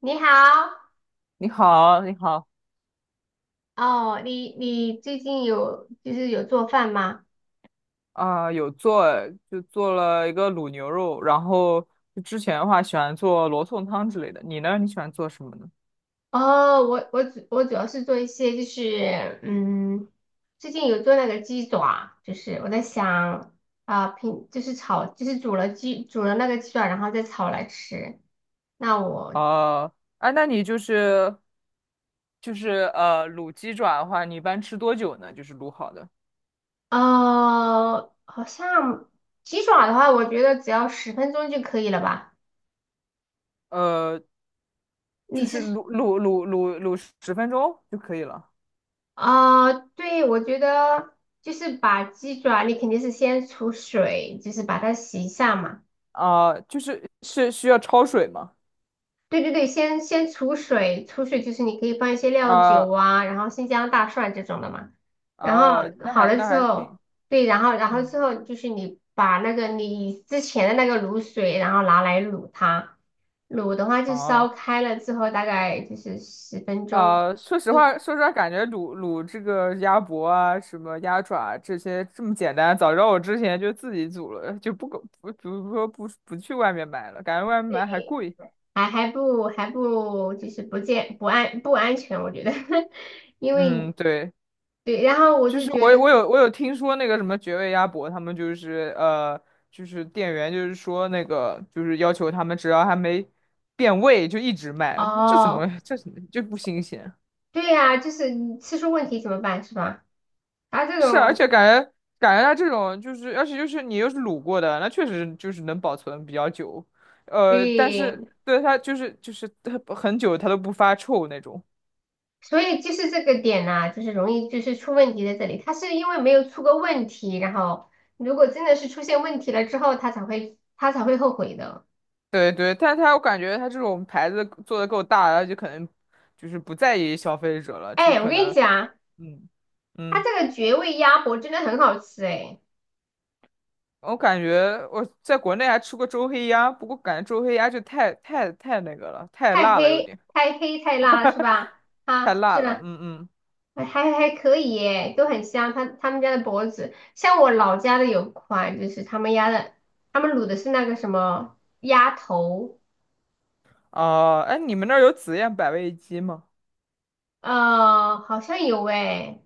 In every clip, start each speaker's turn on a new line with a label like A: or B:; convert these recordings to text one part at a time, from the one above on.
A: 你好。
B: 你好，你好。
A: 哦，你最近有就是有做饭吗？
B: 啊，有做。就做了一个卤牛肉，然后就之前的话喜欢做罗宋汤之类的。你呢？你喜欢做什么呢？
A: 哦，我主要是做一些就是最近有做那个鸡爪，就是我在想啊，平就是炒就是煮了鸡煮了那个鸡爪，然后再炒来吃。那我
B: 呃，哎，那你就是卤鸡爪的话，你一般吃多久呢？就是卤好的。
A: 好像鸡爪的话，我觉得只要十分钟就可以了吧？
B: 呃，就
A: 你是
B: 是卤10分钟就可以了。
A: 啊、对，我觉得就是把鸡爪，你肯定是先除水，就是把它洗一下嘛。
B: 啊，就是是需要焯水吗？
A: 对对对，先除水就是你可以放一些料
B: 啊。
A: 酒啊，然后新疆大蒜这种的嘛。然后
B: 哦，那
A: 好
B: 还
A: 了
B: 那
A: 之
B: 还挺。
A: 后，对，然后之
B: 嗯。
A: 后就是你把那个你之前的那个卤水，然后拿来卤它。卤的话就烧
B: 哦。
A: 开了之后，大概就是十分钟。
B: 说实话，说实话，感觉卤这个鸭脖啊，什么鸭爪这些这么简单，早知道我之前就自己煮了，就不搞不不说不不去外面买了，感觉外面买还
A: 对，
B: 贵。
A: 还还不还不就是不健不安不安全，我觉得，因为
B: 嗯，对。
A: 对，然后我
B: 就
A: 就
B: 是
A: 觉
B: 我我
A: 得
B: 有我有听说那个什么绝味鸭脖，他们就是就是店员就是说那个就是要求他们只要还没变味就一直卖，这怎
A: 哦，
B: 么这怎么就不新鲜？
A: 对呀、就是吃出问题怎么办是吧？他这
B: 是，而
A: 种
B: 且感觉它这种就是，而且就是你又是卤过的，那确实就是能保存比较久。但是
A: 对，
B: 对它就是它很久它都不发臭那种。
A: 所以就是这个点呐、就是容易就是出问题在这里，他是因为没有出过问题，然后如果真的是出现问题了之后，他才会后悔的。
B: 对对，但它我感觉它这种牌子做的够大，它就可能就是不在意消费者了，就是
A: 哎，我
B: 可
A: 跟你
B: 能。
A: 讲，
B: 嗯
A: 他
B: 嗯，
A: 这个绝味鸭脖真的很好吃哎。
B: 我感觉我在国内还吃过周黑鸭，不过感觉周黑鸭就太那个了，太
A: 太
B: 辣了有
A: 黑
B: 点，
A: 太黑太辣了是吧？
B: 太
A: 啊，
B: 辣
A: 是
B: 了。
A: 吧？
B: 嗯嗯。
A: 还可以耶，都很香。他们家的脖子，像我老家的有款，就是他们家的，他们卤的是那个什么鸭头。
B: 哦，哎，你们那儿有紫燕百味鸡吗？
A: 好像有诶。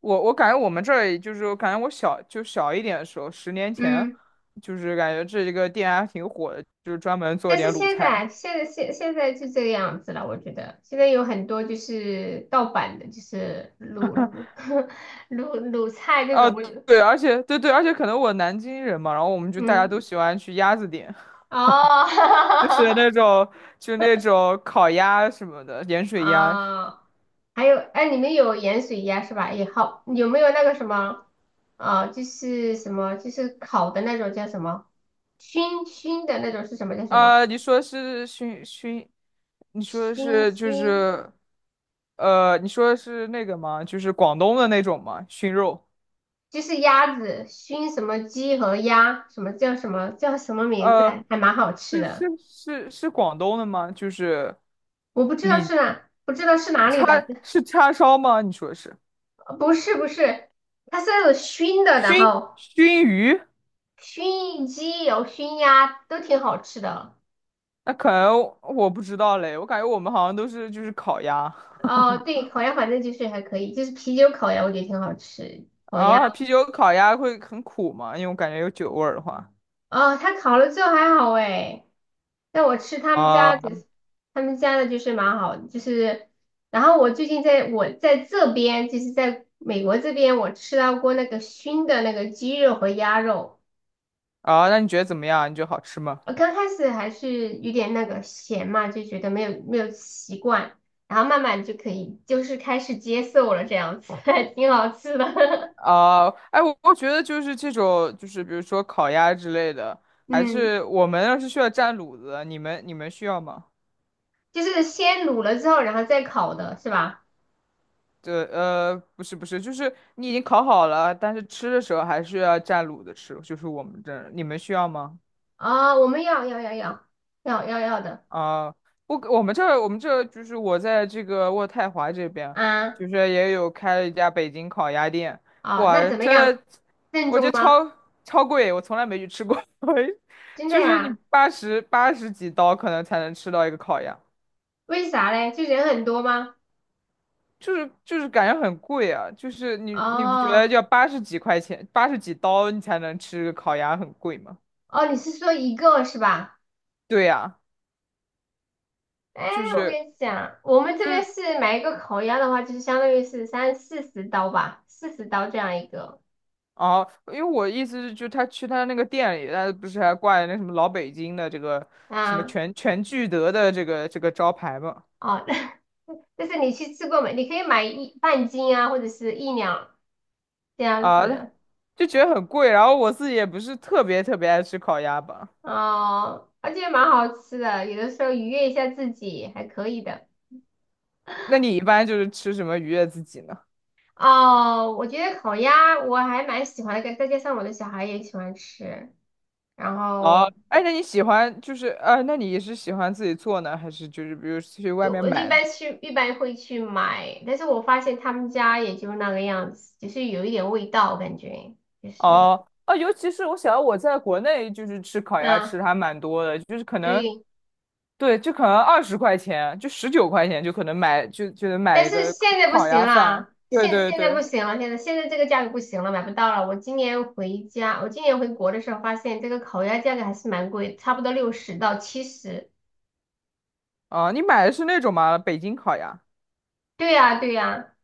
B: 我感觉我们这儿就是我感觉我小一点的时候，10年前，
A: 嗯。
B: 就是感觉这一个店还挺火的，就是专门做一
A: 但是
B: 点卤
A: 现
B: 菜。
A: 在现在现现在就这个样子了，我觉得现在有很多就是盗版的，就是卤 卤菜这
B: 啊，
A: 种，
B: 对，而且对对，而且可能我南京人嘛，然后我们就大家都
A: 嗯。
B: 喜欢去鸭子店。就是
A: 哦。
B: 那种那种烤鸭什么的，盐水鸭。
A: 啊，还有，哎，你们有盐水鸭是吧？也好，有没有那个什么，啊，就是什么，就是烤的那种叫什么，熏熏的那种是什么叫什么？
B: 啊，你说是熏熏，你说的
A: 熏
B: 是就
A: 熏，
B: 是。你说的是那个吗？就是广东的那种吗？熏肉。
A: 就是鸭子熏什么鸡和鸭，什么叫什么叫什么名字
B: 呃，
A: 啊，还蛮好吃
B: 是
A: 的。
B: 是是是广东的吗？就是
A: 我不知道
B: 里
A: 是哪，不知道是哪里
B: 叉
A: 的。
B: 是叉烧吗？你说的是
A: 不是不是，它是那种熏的，然
B: 熏
A: 后
B: 熏鱼？
A: 熏鸡有熏鸭都挺好吃的。
B: 那可能我不知道嘞，我感觉我们好像都是就是烤鸭
A: 哦，对，烤鸭反正就是还可以，就是啤酒烤鸭，我觉得挺好吃。烤鸭，
B: 啊。啤酒烤鸭会很苦吗？因为我感觉有酒味儿的话
A: 哦，它烤了之后还好诶，但我吃他们家
B: 啊。
A: 的，他们家的就是蛮好的，就是，然后我最近在这边，就是在美国这边，我吃到过那个熏的那个鸡肉和鸭肉。
B: 啊，那你觉得怎么样？你觉得好吃吗？
A: 我刚开始还是有点那个咸嘛，就觉得没有习惯，然后慢慢就可以，就是开始接受了这样子，还挺好吃的。
B: 啊，哎，我觉得就是这种就是比如说烤鸭之类的，还
A: 嗯。
B: 是我们要是需要蘸卤子，你们需要吗？
A: 就是先卤了之后，然后再烤的是吧？
B: 对。不是不是，就是你已经烤好了，但是吃的时候还是要蘸卤的吃，就是我们这儿，你们需要吗？
A: 哦，我们要的。
B: 啊，我们这儿就是我在这个渥太华这边，
A: 啊！
B: 就是也有开了一家北京烤鸭店。
A: 哦，
B: 哇，
A: 那怎么
B: 真
A: 样？
B: 的，我觉得超贵，我从来没去吃过。
A: 真的
B: 就是你
A: 呀？
B: 八十几刀可能才能吃到一个烤鸭。
A: 为啥嘞？就人很多吗？
B: 就是感觉很贵啊，就是你不觉得
A: 哦
B: 要八十几块钱，八十几刀你才能吃个烤鸭很贵吗？
A: 哦，你是说一个是吧？
B: 对呀，
A: 哎，
B: 就
A: 我跟
B: 是
A: 你讲，我们这
B: 就
A: 边
B: 是
A: 是买一个烤鸭的话，就是相当于是三四十刀吧，四十刀这样一个。
B: 哦，因为我意思是，就是他那个店里，他不是还挂着那什么老北京的这个什么
A: 啊。
B: 全聚德的这个招牌嘛？
A: 哦。但是你去吃过没？你可以买一半斤啊，或者是一两这样
B: 啊，
A: 子。
B: 就觉得很贵，然后我自己也不是特别特别爱吃烤鸭吧。
A: 哦，而且蛮好吃的，有的时候愉悦一下自己还可以的。
B: 那你一般就是吃什么愉悦自己呢？
A: 哦，我觉得烤鸭我还蛮喜欢的，再加上我的小孩也喜欢吃，然
B: 哦，
A: 后
B: 哎，那你喜欢就是那你也是喜欢自己做呢，还是就是比如去外
A: 就
B: 面
A: 我一
B: 买呢？
A: 般去一般会去买，但是我发现他们家也就那个样子，就是有一点味道，感觉就是
B: 哦哦，尤其是我想到我在国内就是吃烤鸭
A: 嗯，
B: 吃的还蛮多的，就是可能
A: 对，
B: 对，就可能20块钱，就19块钱就可能买就能买
A: 但
B: 一
A: 是
B: 个烤
A: 现在不
B: 烤
A: 行
B: 鸭饭。
A: 了，
B: 对
A: 现
B: 对
A: 现在不
B: 对。
A: 行了，现在这个价格不行了，买不到了。我今年回家，我今年回国的时候发现这个烤鸭价格还是蛮贵，差不多60到70。
B: 啊，你买的是那种吗？北京烤鸭？
A: 对呀，对呀。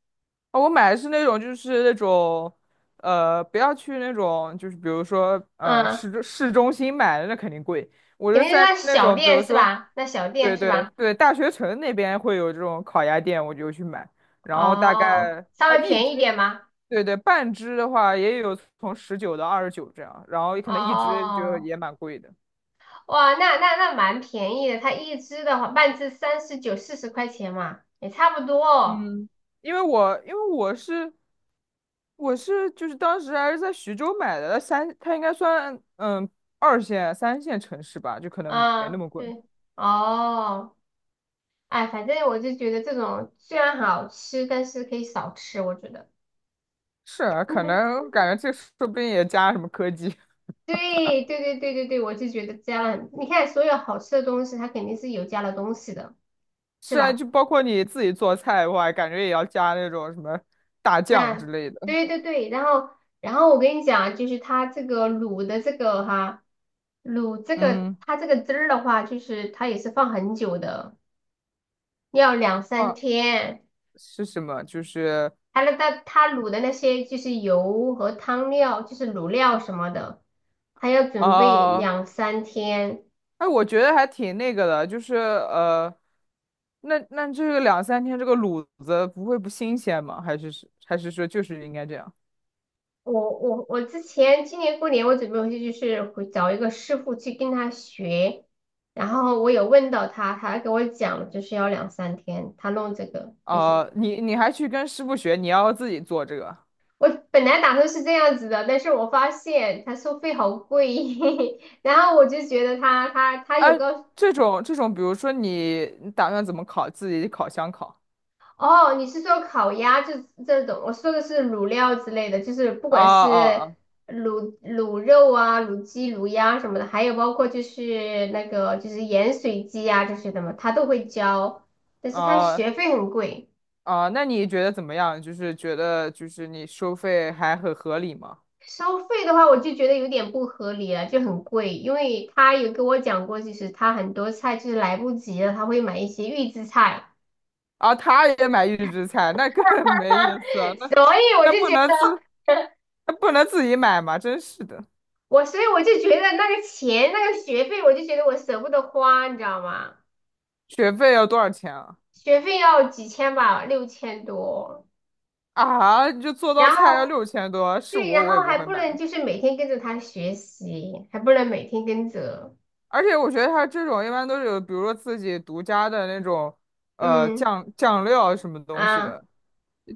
B: 哦，我买的是那种，就是那种。不要去那种，就是比如说。
A: 嗯，
B: 市中心买的那肯定贵。我
A: 肯
B: 是
A: 定是
B: 在
A: 那
B: 那
A: 小
B: 种，比
A: 店
B: 如
A: 是
B: 说，
A: 吧？那小店
B: 对
A: 是
B: 对
A: 吧？
B: 对，大学城那边会有这种烤鸭店，我就去买。然后大
A: 哦，
B: 概
A: 稍
B: 啊，
A: 微
B: 一
A: 便宜一
B: 只。
A: 点吗？
B: 对对，半只的话也有从19到29这样，然后可能一只就
A: 哦，
B: 也蛮贵的。
A: 哇，那蛮便宜的，它一只的话，半只39、40块钱嘛，也差不多。
B: 嗯，因为我就是当时还是在徐州买的，它应该算二线三线城市吧，就可能没
A: 嗯，
B: 那么贵。
A: 对。哦。哎，反正我就觉得这种虽然好吃，但是可以少吃。我觉得，
B: 是啊，可能感觉这说不定也加什么科技。
A: 对对对对对对，我就觉得加了很你看所有好吃的东西，它肯定是有加了东西的，是
B: 是啊，
A: 吧？
B: 就包括你自己做菜的话，感觉也要加那种什么大酱
A: 这
B: 之类的。
A: 对对对。然后，然后我跟你讲啊，就是它这个卤的这个哈，卤这个
B: 嗯。
A: 它这个汁儿的话，就是它也是放很久的，要两三
B: 啊，
A: 天。
B: 是什么？就是。
A: 它那它它卤的那些就是油和汤料，就是卤料什么的，还要准备
B: 哦，
A: 两三天。
B: 哎，我觉得还挺那个的，就是那这个两三天这个卤子不会不新鲜吗？还是说就是应该这样？
A: 我之前今年过年我准备回去就是回找一个师傅去跟他学，然后我有问到他，他给我讲就是要两三天，他弄这个就是
B: 啊？你还去跟师傅学，你要自己做这个？
A: 我本来打算是这样子的，但是我发现他收费好贵，然后我就觉得他他他有
B: 哎，
A: 告
B: 这种，比如说你打算怎么烤？自己烤箱烤？
A: 哦，你是说烤鸭这这种？我说的是卤料之类的，就是不
B: 啊
A: 管是
B: 啊
A: 卤肉啊、卤鸡、卤鸭什么的，还有包括就是那个就是盐水鸡啊这些的嘛，他都会教，但是
B: 啊
A: 他学
B: 啊
A: 费很贵。
B: 啊！那你觉得怎么样？就是觉得就是你收费还很合理吗？
A: 收费的话，我就觉得有点不合理了，就很贵，因为他有跟我讲过，就是他很多菜就是来不及了，他会买一些预制菜，
B: 啊，他也买预制菜，那更 没意思了。
A: 所以我
B: 那
A: 就
B: 不
A: 觉
B: 能
A: 得。
B: 自。那不能自己买吗？真是的。
A: 所以我就觉得那个钱那个学费，我就觉得我舍不得花，你知道吗？
B: 学费要多少钱啊？
A: 学费要几千吧，6000多。
B: 啊，你就做道
A: 然
B: 菜要
A: 后
B: 6000多，是
A: 对，
B: 我
A: 然
B: 我也
A: 后
B: 不
A: 还
B: 会
A: 不
B: 买
A: 能
B: 的。
A: 就是每天跟着他学习，还不能每天跟着。
B: 而且我觉得他这种一般都是有，比如说自己独家的那种。
A: 嗯。
B: 酱料什么东西
A: 啊，
B: 的。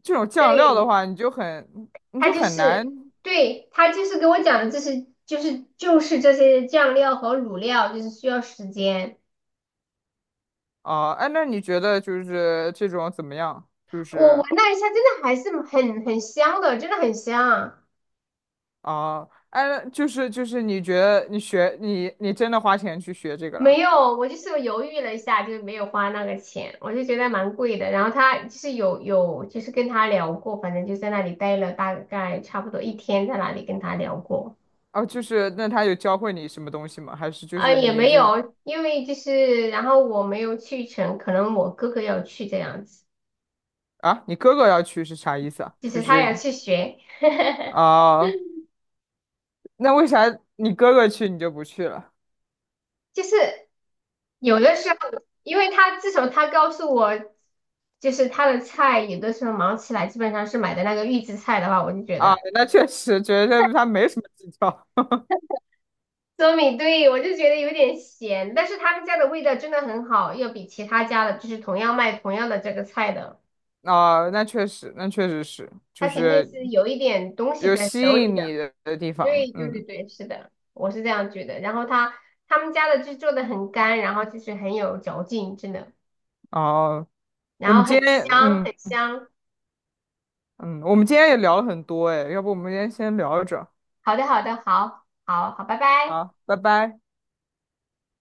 B: 这种酱料
A: 对，
B: 的话，你就很你
A: 他
B: 就
A: 就
B: 很难
A: 是对他就是给我讲的，这是就是这些酱料和卤料，就是需要时间。
B: 啊。哎，那你觉得就是这种怎么样？就
A: 我闻
B: 是。
A: 了一下，真的还是很香的，真的很香。
B: 啊，哎，那就是你觉得你学你你真的花钱去学这个
A: 没
B: 啦？
A: 有，我就是犹豫了一下，就是没有花那个钱，我就觉得蛮贵的。然后他就是就是跟他聊过，反正就在那里待了大概差不多一天，在那里跟他聊过。
B: 哦，就是那他有教会你什么东西吗？还是就
A: 啊，
B: 是
A: 也
B: 你
A: 没
B: 就。
A: 有，因为就是然后我没有去成，可能我哥哥要去这样子，
B: 啊，你哥哥要去是啥意思啊？
A: 就
B: 就
A: 是他要
B: 是。
A: 去学，
B: 啊，那为啥你哥哥去你就不去了？
A: 就是有的时候，因为他自从他告诉我，就是他的菜有的时候忙起来，基本上是买的那个预制菜的话，我就觉
B: 啊，
A: 得。
B: 那确实觉得他没什么技巧。
A: 糯米，对，我就觉得有点咸，但是他们家的味道真的很好，要比其他家的，就是同样卖同样的这个菜的，
B: 啊，那确实，那确实是，
A: 他
B: 就
A: 肯定
B: 是
A: 是有一点东西
B: 有
A: 在手
B: 吸
A: 里
B: 引你
A: 的。
B: 的地方。
A: 对对对
B: 嗯。
A: 对，是的，我是这样觉得。然后他他们家的就做的很干，然后就是很有嚼劲，真的，
B: 哦，我
A: 然后
B: 们今
A: 很
B: 天，
A: 香
B: 嗯
A: 很香。
B: 嗯，我们今天也聊了很多。哎，要不我们今天先聊着？
A: 好的好的，好好好，拜拜。
B: 好，拜拜。